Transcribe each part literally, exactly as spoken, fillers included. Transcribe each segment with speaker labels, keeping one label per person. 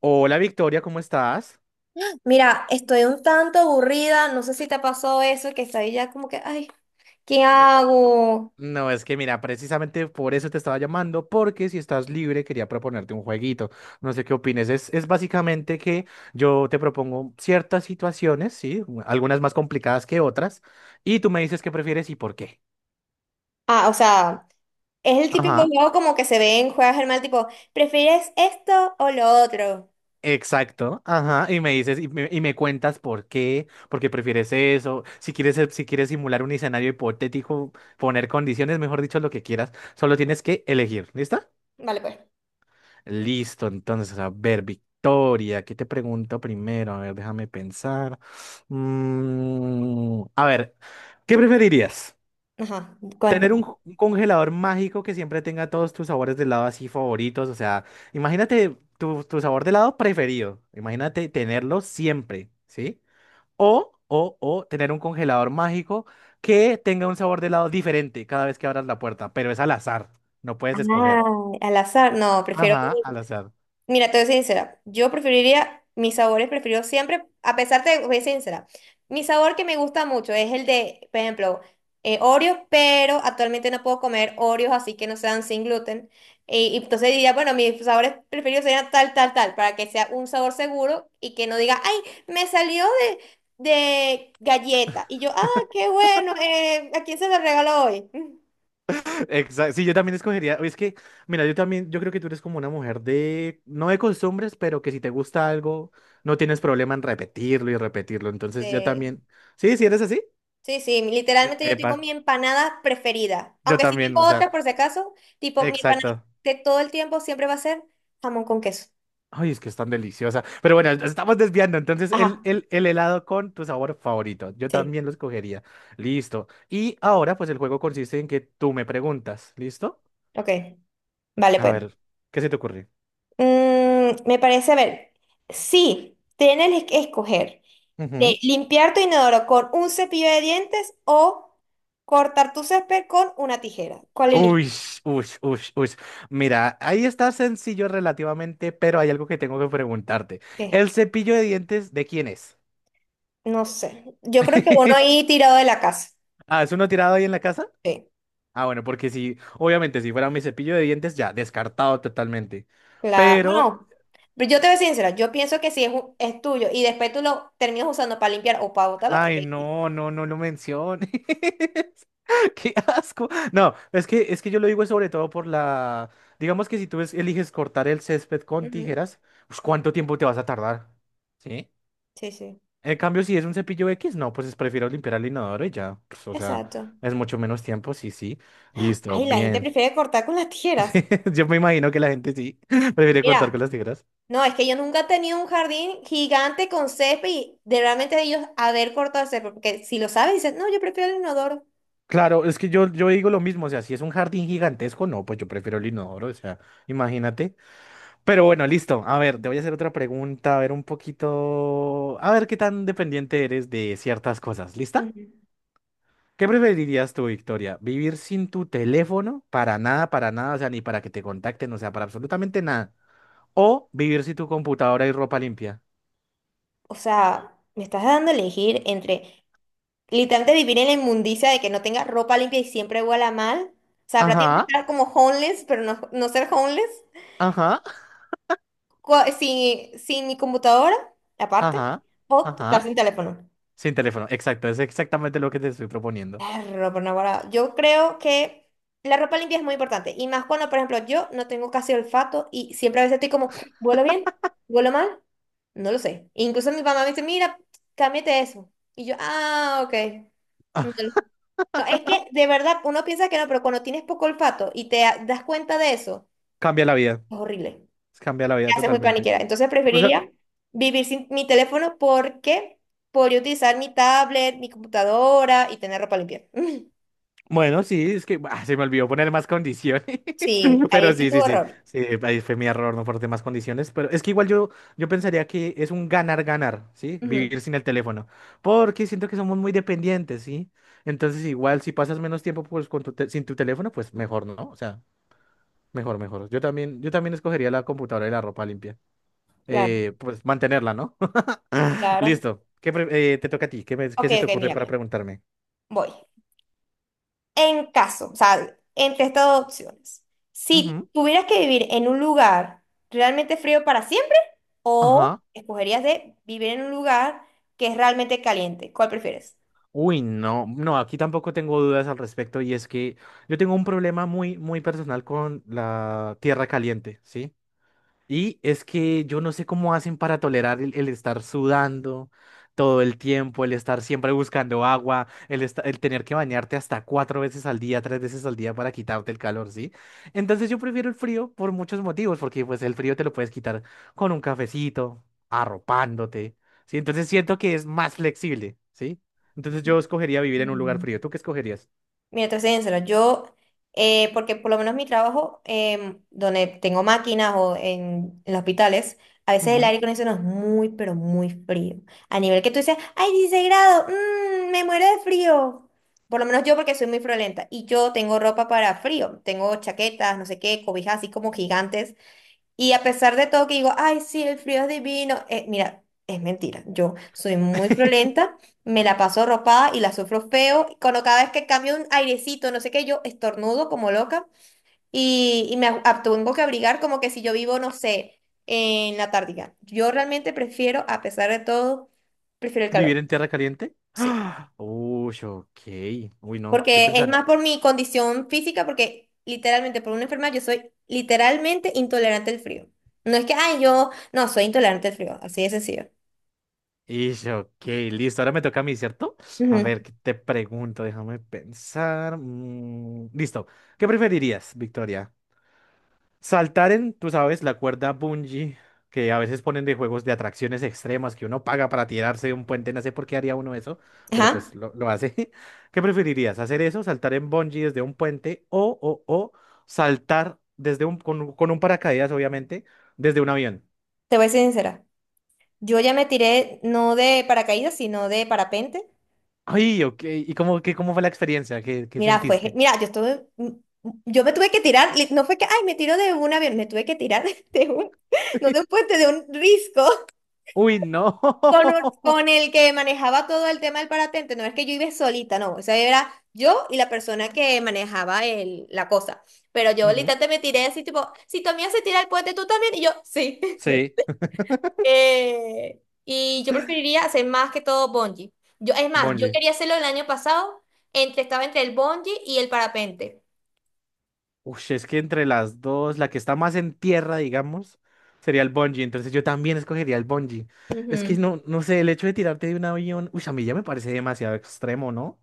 Speaker 1: Hola Victoria, ¿cómo estás?
Speaker 2: Mira, estoy un tanto aburrida, no sé si te pasó eso, que estoy ya como que, ay, ¿qué
Speaker 1: Eh,
Speaker 2: hago?
Speaker 1: No, es que mira, precisamente por eso te estaba llamando, porque si estás libre quería proponerte un jueguito. No sé qué opines. Es, es básicamente que yo te propongo ciertas situaciones, sí, algunas más complicadas que otras, y tú me dices qué prefieres y por qué.
Speaker 2: Ah, o sea, es el típico
Speaker 1: Ajá.
Speaker 2: juego como que se ve en Juegos del Mal, tipo, ¿prefieres esto o lo otro?
Speaker 1: Exacto, ajá, y me dices y me, y me cuentas por qué, por qué prefieres eso, si quieres eh, si quieres simular un escenario hipotético, poner condiciones, mejor dicho, lo que quieras, solo tienes que elegir, ¿listo?
Speaker 2: Vale, pues.
Speaker 1: Listo, entonces, a ver, Victoria, ¿qué te pregunto primero? A ver, déjame pensar. Mm, a ver, ¿qué preferirías?
Speaker 2: Ajá,
Speaker 1: ¿Tener
Speaker 2: cuéntame.
Speaker 1: un, un congelador mágico que siempre tenga todos tus sabores de helado así favoritos? O sea, imagínate tu, tu sabor de helado preferido. Imagínate tenerlo siempre, ¿sí? O, o, o tener un congelador mágico que tenga un sabor de helado diferente cada vez que abras la puerta, pero es al azar, no puedes
Speaker 2: Ah,
Speaker 1: escoger.
Speaker 2: al azar, no, prefiero.
Speaker 1: Ajá, al azar.
Speaker 2: Mira, te voy a ser sincera. Yo preferiría, mis sabores preferidos siempre, a pesar de, voy a ser sincera. Mi sabor que me gusta mucho es el de, por ejemplo, eh, Oreos, pero actualmente no puedo comer Oreos así que no sean sin gluten. Y, y entonces diría, bueno, mis sabores preferidos serían tal, tal, tal, para que sea un sabor seguro y que no diga, ay, me salió de, de galleta. Y yo, ah, qué bueno, eh, ¿a quién se lo regaló hoy?
Speaker 1: Exacto. Sí, yo también escogería. Es que, mira, yo también, yo creo que tú eres como una mujer de, no de costumbres, pero que si te gusta algo, no tienes problema en repetirlo y repetirlo. Entonces, yo
Speaker 2: Sí.
Speaker 1: también. Sí, sí eres así.
Speaker 2: Sí, sí,
Speaker 1: E-
Speaker 2: literalmente yo
Speaker 1: epa,
Speaker 2: tengo mi empanada preferida,
Speaker 1: yo
Speaker 2: aunque sí
Speaker 1: también, o
Speaker 2: tengo
Speaker 1: sea,
Speaker 2: otras por si acaso, tipo mi empanada
Speaker 1: exacto.
Speaker 2: de todo el tiempo siempre va a ser jamón con queso.
Speaker 1: Ay, es que es tan deliciosa. Pero bueno, nos estamos desviando. Entonces,
Speaker 2: Ajá,
Speaker 1: el, el, el helado con tu sabor favorito. Yo
Speaker 2: sí,
Speaker 1: también lo escogería. Listo. Y ahora, pues el juego consiste en que tú me preguntas. ¿Listo?
Speaker 2: ok, vale
Speaker 1: A
Speaker 2: pues.
Speaker 1: ver, ¿qué se te ocurre?
Speaker 2: Mm, me parece, a ver, sí, tienes que escoger de limpiar tu inodoro con un cepillo de dientes o cortar tu césped con una tijera. ¿Cuál eliges?
Speaker 1: Uy, uy, uy, uy. Mira, ahí está sencillo relativamente, pero hay algo que tengo que preguntarte.
Speaker 2: ¿Qué?
Speaker 1: ¿El cepillo de dientes de quién es?
Speaker 2: No sé, yo creo que uno ahí tirado de la casa.
Speaker 1: Ah, ¿es uno tirado ahí en la casa?
Speaker 2: Sí.
Speaker 1: Ah, bueno, porque si, obviamente, si fuera mi cepillo de dientes, ya, descartado totalmente.
Speaker 2: Claro,
Speaker 1: Pero,
Speaker 2: bueno, pero yo te voy a ser sincera, yo pienso que si es, un- es tuyo y después tú lo terminas usando para limpiar o para botarlo, es
Speaker 1: ay,
Speaker 2: X.
Speaker 1: no, no, no lo menciones. Qué asco. No, es que, es que yo lo digo sobre todo por la. Digamos que si tú es- eliges cortar el césped con
Speaker 2: Ujú.
Speaker 1: tijeras, pues ¿cuánto tiempo te vas a tardar? ¿Sí?
Speaker 2: Sí, sí,
Speaker 1: En cambio, si es un cepillo X, no, pues es prefiero limpiar el inodoro y ya. Pues, o sea,
Speaker 2: exacto.
Speaker 1: es mucho menos tiempo, sí, sí. Listo,
Speaker 2: Ay, la gente
Speaker 1: bien.
Speaker 2: prefiere cortar con las tijeras.
Speaker 1: Sí, yo me imagino que la gente sí prefiere cortar con
Speaker 2: Mira,
Speaker 1: las tijeras.
Speaker 2: no, es que yo nunca he tenido un jardín gigante con césped y de realmente ellos haber cortado el césped, porque si lo sabes, dices, no, yo prefiero el inodoro.
Speaker 1: Claro, es que yo, yo digo lo mismo, o sea, si es un jardín gigantesco, no, pues yo prefiero el inodoro, o sea, imagínate. Pero bueno, listo. A ver, te voy a hacer otra pregunta, a ver un poquito, a ver qué tan dependiente eres de ciertas cosas. ¿Lista?
Speaker 2: Ujú.
Speaker 1: ¿Qué preferirías tú, Victoria? ¿Vivir sin tu teléfono? Para nada, para nada, o sea, ni para que te contacten, o sea, para absolutamente nada. ¿O vivir sin tu computadora y ropa limpia?
Speaker 2: O sea, me estás dando a elegir entre literalmente vivir en la inmundicia de que no tenga ropa limpia y siempre huela mal. O sea, prácticamente
Speaker 1: Ajá,
Speaker 2: estar como homeless, pero no, no ser homeless.
Speaker 1: ajá,
Speaker 2: Co- Sin, sin mi computadora, aparte.
Speaker 1: ajá,
Speaker 2: O estar
Speaker 1: ajá.
Speaker 2: sin teléfono.
Speaker 1: Sin teléfono, exacto, es exactamente lo que te estoy proponiendo.
Speaker 2: Perro, por Naguará. Yo creo que la ropa limpia es muy importante. Y más cuando, por ejemplo, yo no tengo casi olfato y siempre a veces estoy como, ¿huelo bien? ¿Huelo mal? No lo sé. E incluso mi mamá me dice, mira, cámbiate eso. Y yo, ah, ok. No, es que de verdad uno piensa que no, pero cuando tienes poco olfato y te a- das cuenta de eso,
Speaker 1: Cambia la vida,
Speaker 2: es horrible.
Speaker 1: cambia la
Speaker 2: Te
Speaker 1: vida
Speaker 2: haces muy
Speaker 1: totalmente.
Speaker 2: paniquera. Entonces
Speaker 1: O sea,
Speaker 2: preferiría vivir sin mi teléfono porque podría utilizar mi tablet, mi computadora y tener ropa limpia.
Speaker 1: bueno, sí, es que ah, se me olvidó poner más condiciones,
Speaker 2: Sí, ahí
Speaker 1: pero
Speaker 2: es que
Speaker 1: sí,
Speaker 2: tu
Speaker 1: sí, sí,
Speaker 2: error.
Speaker 1: sí, ahí fue mi error, no aporté más condiciones, pero es que igual yo, yo pensaría que es un ganar-ganar, ¿sí?
Speaker 2: Ujú,
Speaker 1: Vivir sin el teléfono, porque siento que somos muy dependientes, ¿sí? Entonces igual si pasas menos tiempo pues con tu te- sin tu teléfono, pues mejor, ¿no? O sea, mejor, mejor. Yo también, yo también escogería la computadora y la ropa limpia,
Speaker 2: claro,
Speaker 1: eh, pues mantenerla, ¿no?
Speaker 2: claro.
Speaker 1: Listo, ¿qué pre- eh, ¿te toca a ti? ¿Qué, me- ¿qué
Speaker 2: Ok,
Speaker 1: se te
Speaker 2: ok,
Speaker 1: ocurre
Speaker 2: mira,
Speaker 1: para
Speaker 2: mira.
Speaker 1: preguntarme?
Speaker 2: Voy. En caso, o sea, entre estas dos opciones, si
Speaker 1: Ujú.
Speaker 2: tuvieras que vivir en un lugar realmente frío para siempre, o
Speaker 1: Ajá.
Speaker 2: escogerías de vivir en un lugar que es realmente caliente. ¿Cuál prefieres?
Speaker 1: Uy, no, no, aquí tampoco tengo dudas al respecto y es que yo tengo un problema muy, muy personal con la tierra caliente, ¿sí? Y es que yo no sé cómo hacen para tolerar el, el estar sudando todo el tiempo, el estar siempre buscando agua, el, esta- el tener que bañarte hasta cuatro veces al día, tres veces al día para quitarte el calor, ¿sí? Entonces yo prefiero el frío por muchos motivos, porque pues el frío te lo puedes quitar con un cafecito, arropándote, ¿sí? Entonces siento que es más flexible, ¿sí? Entonces yo escogería vivir en un lugar
Speaker 2: Mm.
Speaker 1: frío. ¿Tú qué escogerías?
Speaker 2: Mira, te soy sincera, yo, eh, porque por lo menos mi trabajo, em, donde tengo máquinas o en, en los hospitales, a veces el
Speaker 1: Ujú.
Speaker 2: aire acondicionado es muy, pero muy frío. A nivel que tú dices, ¡ay, dieciséis grados! Mm, ¡me muero de frío! Por lo menos yo, porque soy muy friolenta. Y yo tengo ropa para frío. Tengo chaquetas, no sé qué, cobijas así como gigantes. Y a pesar de todo que digo, ay, sí, el frío es divino, eh, mira, es mentira. Yo soy muy friolenta, me la paso ropada y la sufro feo. Y cuando cada vez que cambio un airecito, no sé qué, yo estornudo como loca y, y me ab- ab- tengo que abrigar como que si yo vivo, no sé, en la tártica. Yo realmente prefiero, a pesar de todo, prefiero el
Speaker 1: ¿Vivir
Speaker 2: calor.
Speaker 1: en tierra caliente?
Speaker 2: Sí.
Speaker 1: Uy, ok. Uy, no. Yo
Speaker 2: Porque es
Speaker 1: pensaba.
Speaker 2: más por mi condición física, porque literalmente por una enfermedad yo soy literalmente intolerante al frío. No es que, ay, yo no soy intolerante al frío, así de sencillo.
Speaker 1: Ish, ok, listo. Ahora me toca a mí, ¿cierto? A
Speaker 2: Ujú.
Speaker 1: ver, ¿qué te pregunto? Déjame pensar. Mm, listo. ¿Qué preferirías, Victoria? Saltar en, tú sabes, la cuerda bungee que a veces ponen de juegos de atracciones extremas que uno paga para tirarse de un puente. No sé por qué haría uno eso, pero
Speaker 2: Ajá,
Speaker 1: pues lo, lo hace. ¿Qué preferirías? ¿Hacer eso? ¿Saltar en bungee desde un puente? ¿O, o, o saltar desde un, con, un- con un paracaídas, obviamente, desde un avión?
Speaker 2: te voy a ser sincera. Yo ya me tiré no de paracaídas, sino de parapente.
Speaker 1: Ay, ok. ¿Y cómo, qué, cómo fue la experiencia? ¿Qué, qué
Speaker 2: Mira, fue, ge-
Speaker 1: sentiste?
Speaker 2: mira, yo estuve, m- m- yo me tuve que tirar, li- no fue que, ay, me tiro de un avión, me tuve que tirar de un, no de un puente, de un risco.
Speaker 1: Uy, no.
Speaker 2: Con, un- con el que manejaba todo el tema del paratente, no es que yo iba solita, no, o sea, era yo y la persona que manejaba el, la cosa. Pero yo
Speaker 1: Ujú.
Speaker 2: literalmente me tiré así, tipo, si tu amiga se tira el puente, tú también, y yo, sí. Lo
Speaker 1: Sí,
Speaker 2: hice. Eh, y yo preferiría hacer más que todo bungee. Yo, es más, yo
Speaker 1: bungee.
Speaker 2: quería hacerlo el año pasado, entre, estaba entre el bungee y el parapente.
Speaker 1: Uy, es que entre las dos, la que está más en tierra, digamos, sería el bungee. Entonces yo también escogería el bungee. Es que
Speaker 2: Ujú.
Speaker 1: no, no sé, el hecho de tirarte de un avión, uy, a mí ya me parece demasiado extremo, ¿no?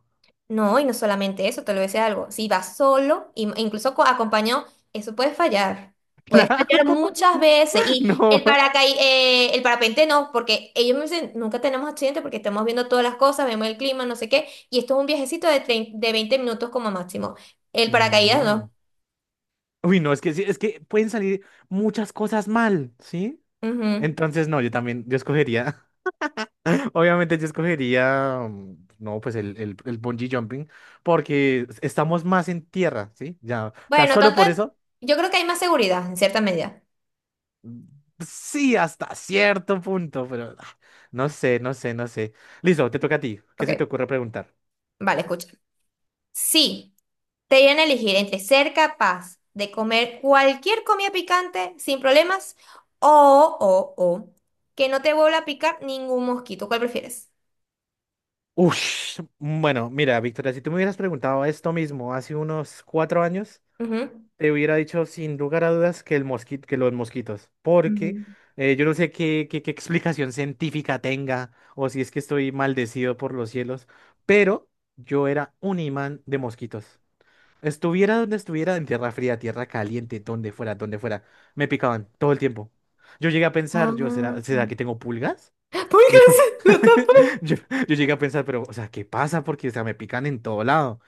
Speaker 2: No, y no solamente eso, te lo voy a decir algo. Si vas solo, im- incluso co- acompañado, eso puede fallar. Puede
Speaker 1: Claro.
Speaker 2: fallar muchas veces. Y el
Speaker 1: No.
Speaker 2: paracaí, eh, el parapente no, porque ellos me dicen, nunca tenemos accidente porque estamos viendo todas las cosas, vemos el clima, no sé qué. Y esto es un viajecito de, trein- de veinte minutos como máximo. El paracaídas
Speaker 1: Mm.
Speaker 2: no.
Speaker 1: Uy, no, es que sí, es que pueden salir muchas cosas mal, ¿sí?
Speaker 2: Ujú.
Speaker 1: Entonces, no, yo también, yo escogería. Obviamente yo escogería, mm, no, pues el, el, el bungee jumping, porque estamos más en tierra, ¿sí? Ya, o sea,
Speaker 2: Bueno,
Speaker 1: solo
Speaker 2: tanto,
Speaker 1: por
Speaker 2: en-
Speaker 1: eso,
Speaker 2: yo creo que hay más seguridad en cierta medida.
Speaker 1: mm, sí, hasta cierto punto, pero ah, no sé, no sé, no sé. Listo, te toca a ti. ¿Qué se te
Speaker 2: Ok,
Speaker 1: ocurre preguntar?
Speaker 2: vale, escucha. Sí. Te dieran a elegir entre ser capaz de comer cualquier comida picante sin problemas o, o, o, que no te vuelva a picar ningún mosquito. ¿Cuál prefieres?
Speaker 1: Ush, bueno, mira, Victoria, si tú me hubieras preguntado esto mismo hace unos cuatro años,
Speaker 2: Ujú.
Speaker 1: te hubiera dicho sin lugar a dudas que, el mosquito, que los mosquitos, porque
Speaker 2: Mm.
Speaker 1: eh, yo no sé qué, qué, qué explicación científica tenga o si es que estoy maldecido por los cielos, pero yo era un imán de mosquitos. Estuviera donde estuviera, en tierra fría, tierra caliente, donde fuera, donde fuera, me picaban todo el tiempo. Yo llegué a pensar, yo,
Speaker 2: Ah.
Speaker 1: ¿será, será que tengo pulgas?
Speaker 2: ¿Por qué
Speaker 1: Yo,
Speaker 2: se- no te...
Speaker 1: yo, yo llegué a pensar, pero, o sea, ¿qué pasa? Porque, o sea, me pican en todo lado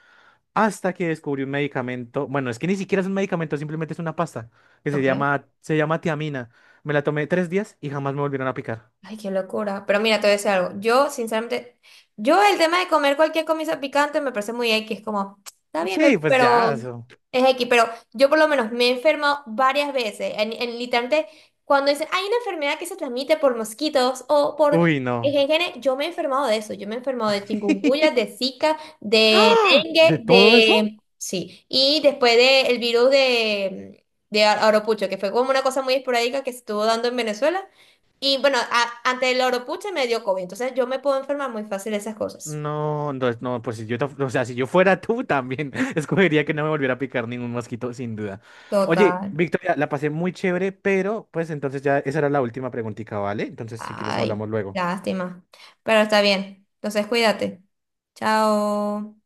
Speaker 1: hasta que descubrió un medicamento, bueno, es que ni siquiera es un medicamento, simplemente es una pasta, que se
Speaker 2: Ok.
Speaker 1: llama, se llama tiamina. Me la tomé tres días y jamás me volvieron a picar.
Speaker 2: Ay, qué locura. Pero mira, te voy a decir algo. Yo, sinceramente, yo el tema de comer cualquier comida picante me parece muy X. Como, está bien, bebé,
Speaker 1: Sí, pues
Speaker 2: pero
Speaker 1: ya, eso.
Speaker 2: es X. Pero yo por lo menos me he enfermado varias veces. En, en- literalmente, cuando dicen, hay una enfermedad que se transmite por mosquitos o por
Speaker 1: Uy, no.
Speaker 2: en gene, yo me he enfermado de eso. Yo me he enfermado de chikungunya, de Zika, de
Speaker 1: ¡Ah!
Speaker 2: dengue,
Speaker 1: ¿De todo eso?
Speaker 2: de... Sí. Y después del virus de, de Aropucho, que fue como una cosa muy esporádica que se estuvo dando en Venezuela. Y bueno, a- ante el oropuche me dio cóvid, entonces yo me puedo enfermar muy fácil de esas cosas.
Speaker 1: No, no, no, pues si yo, ta- o sea, si yo fuera tú también, escogería que no me volviera a picar ningún mosquito, sin duda. Oye,
Speaker 2: Total.
Speaker 1: Victoria, la pasé muy chévere, pero pues entonces ya esa era la última preguntita, ¿vale? Entonces, si quieres,
Speaker 2: Ay,
Speaker 1: hablamos luego.
Speaker 2: lástima. Pero está bien. Entonces cuídate. Chao.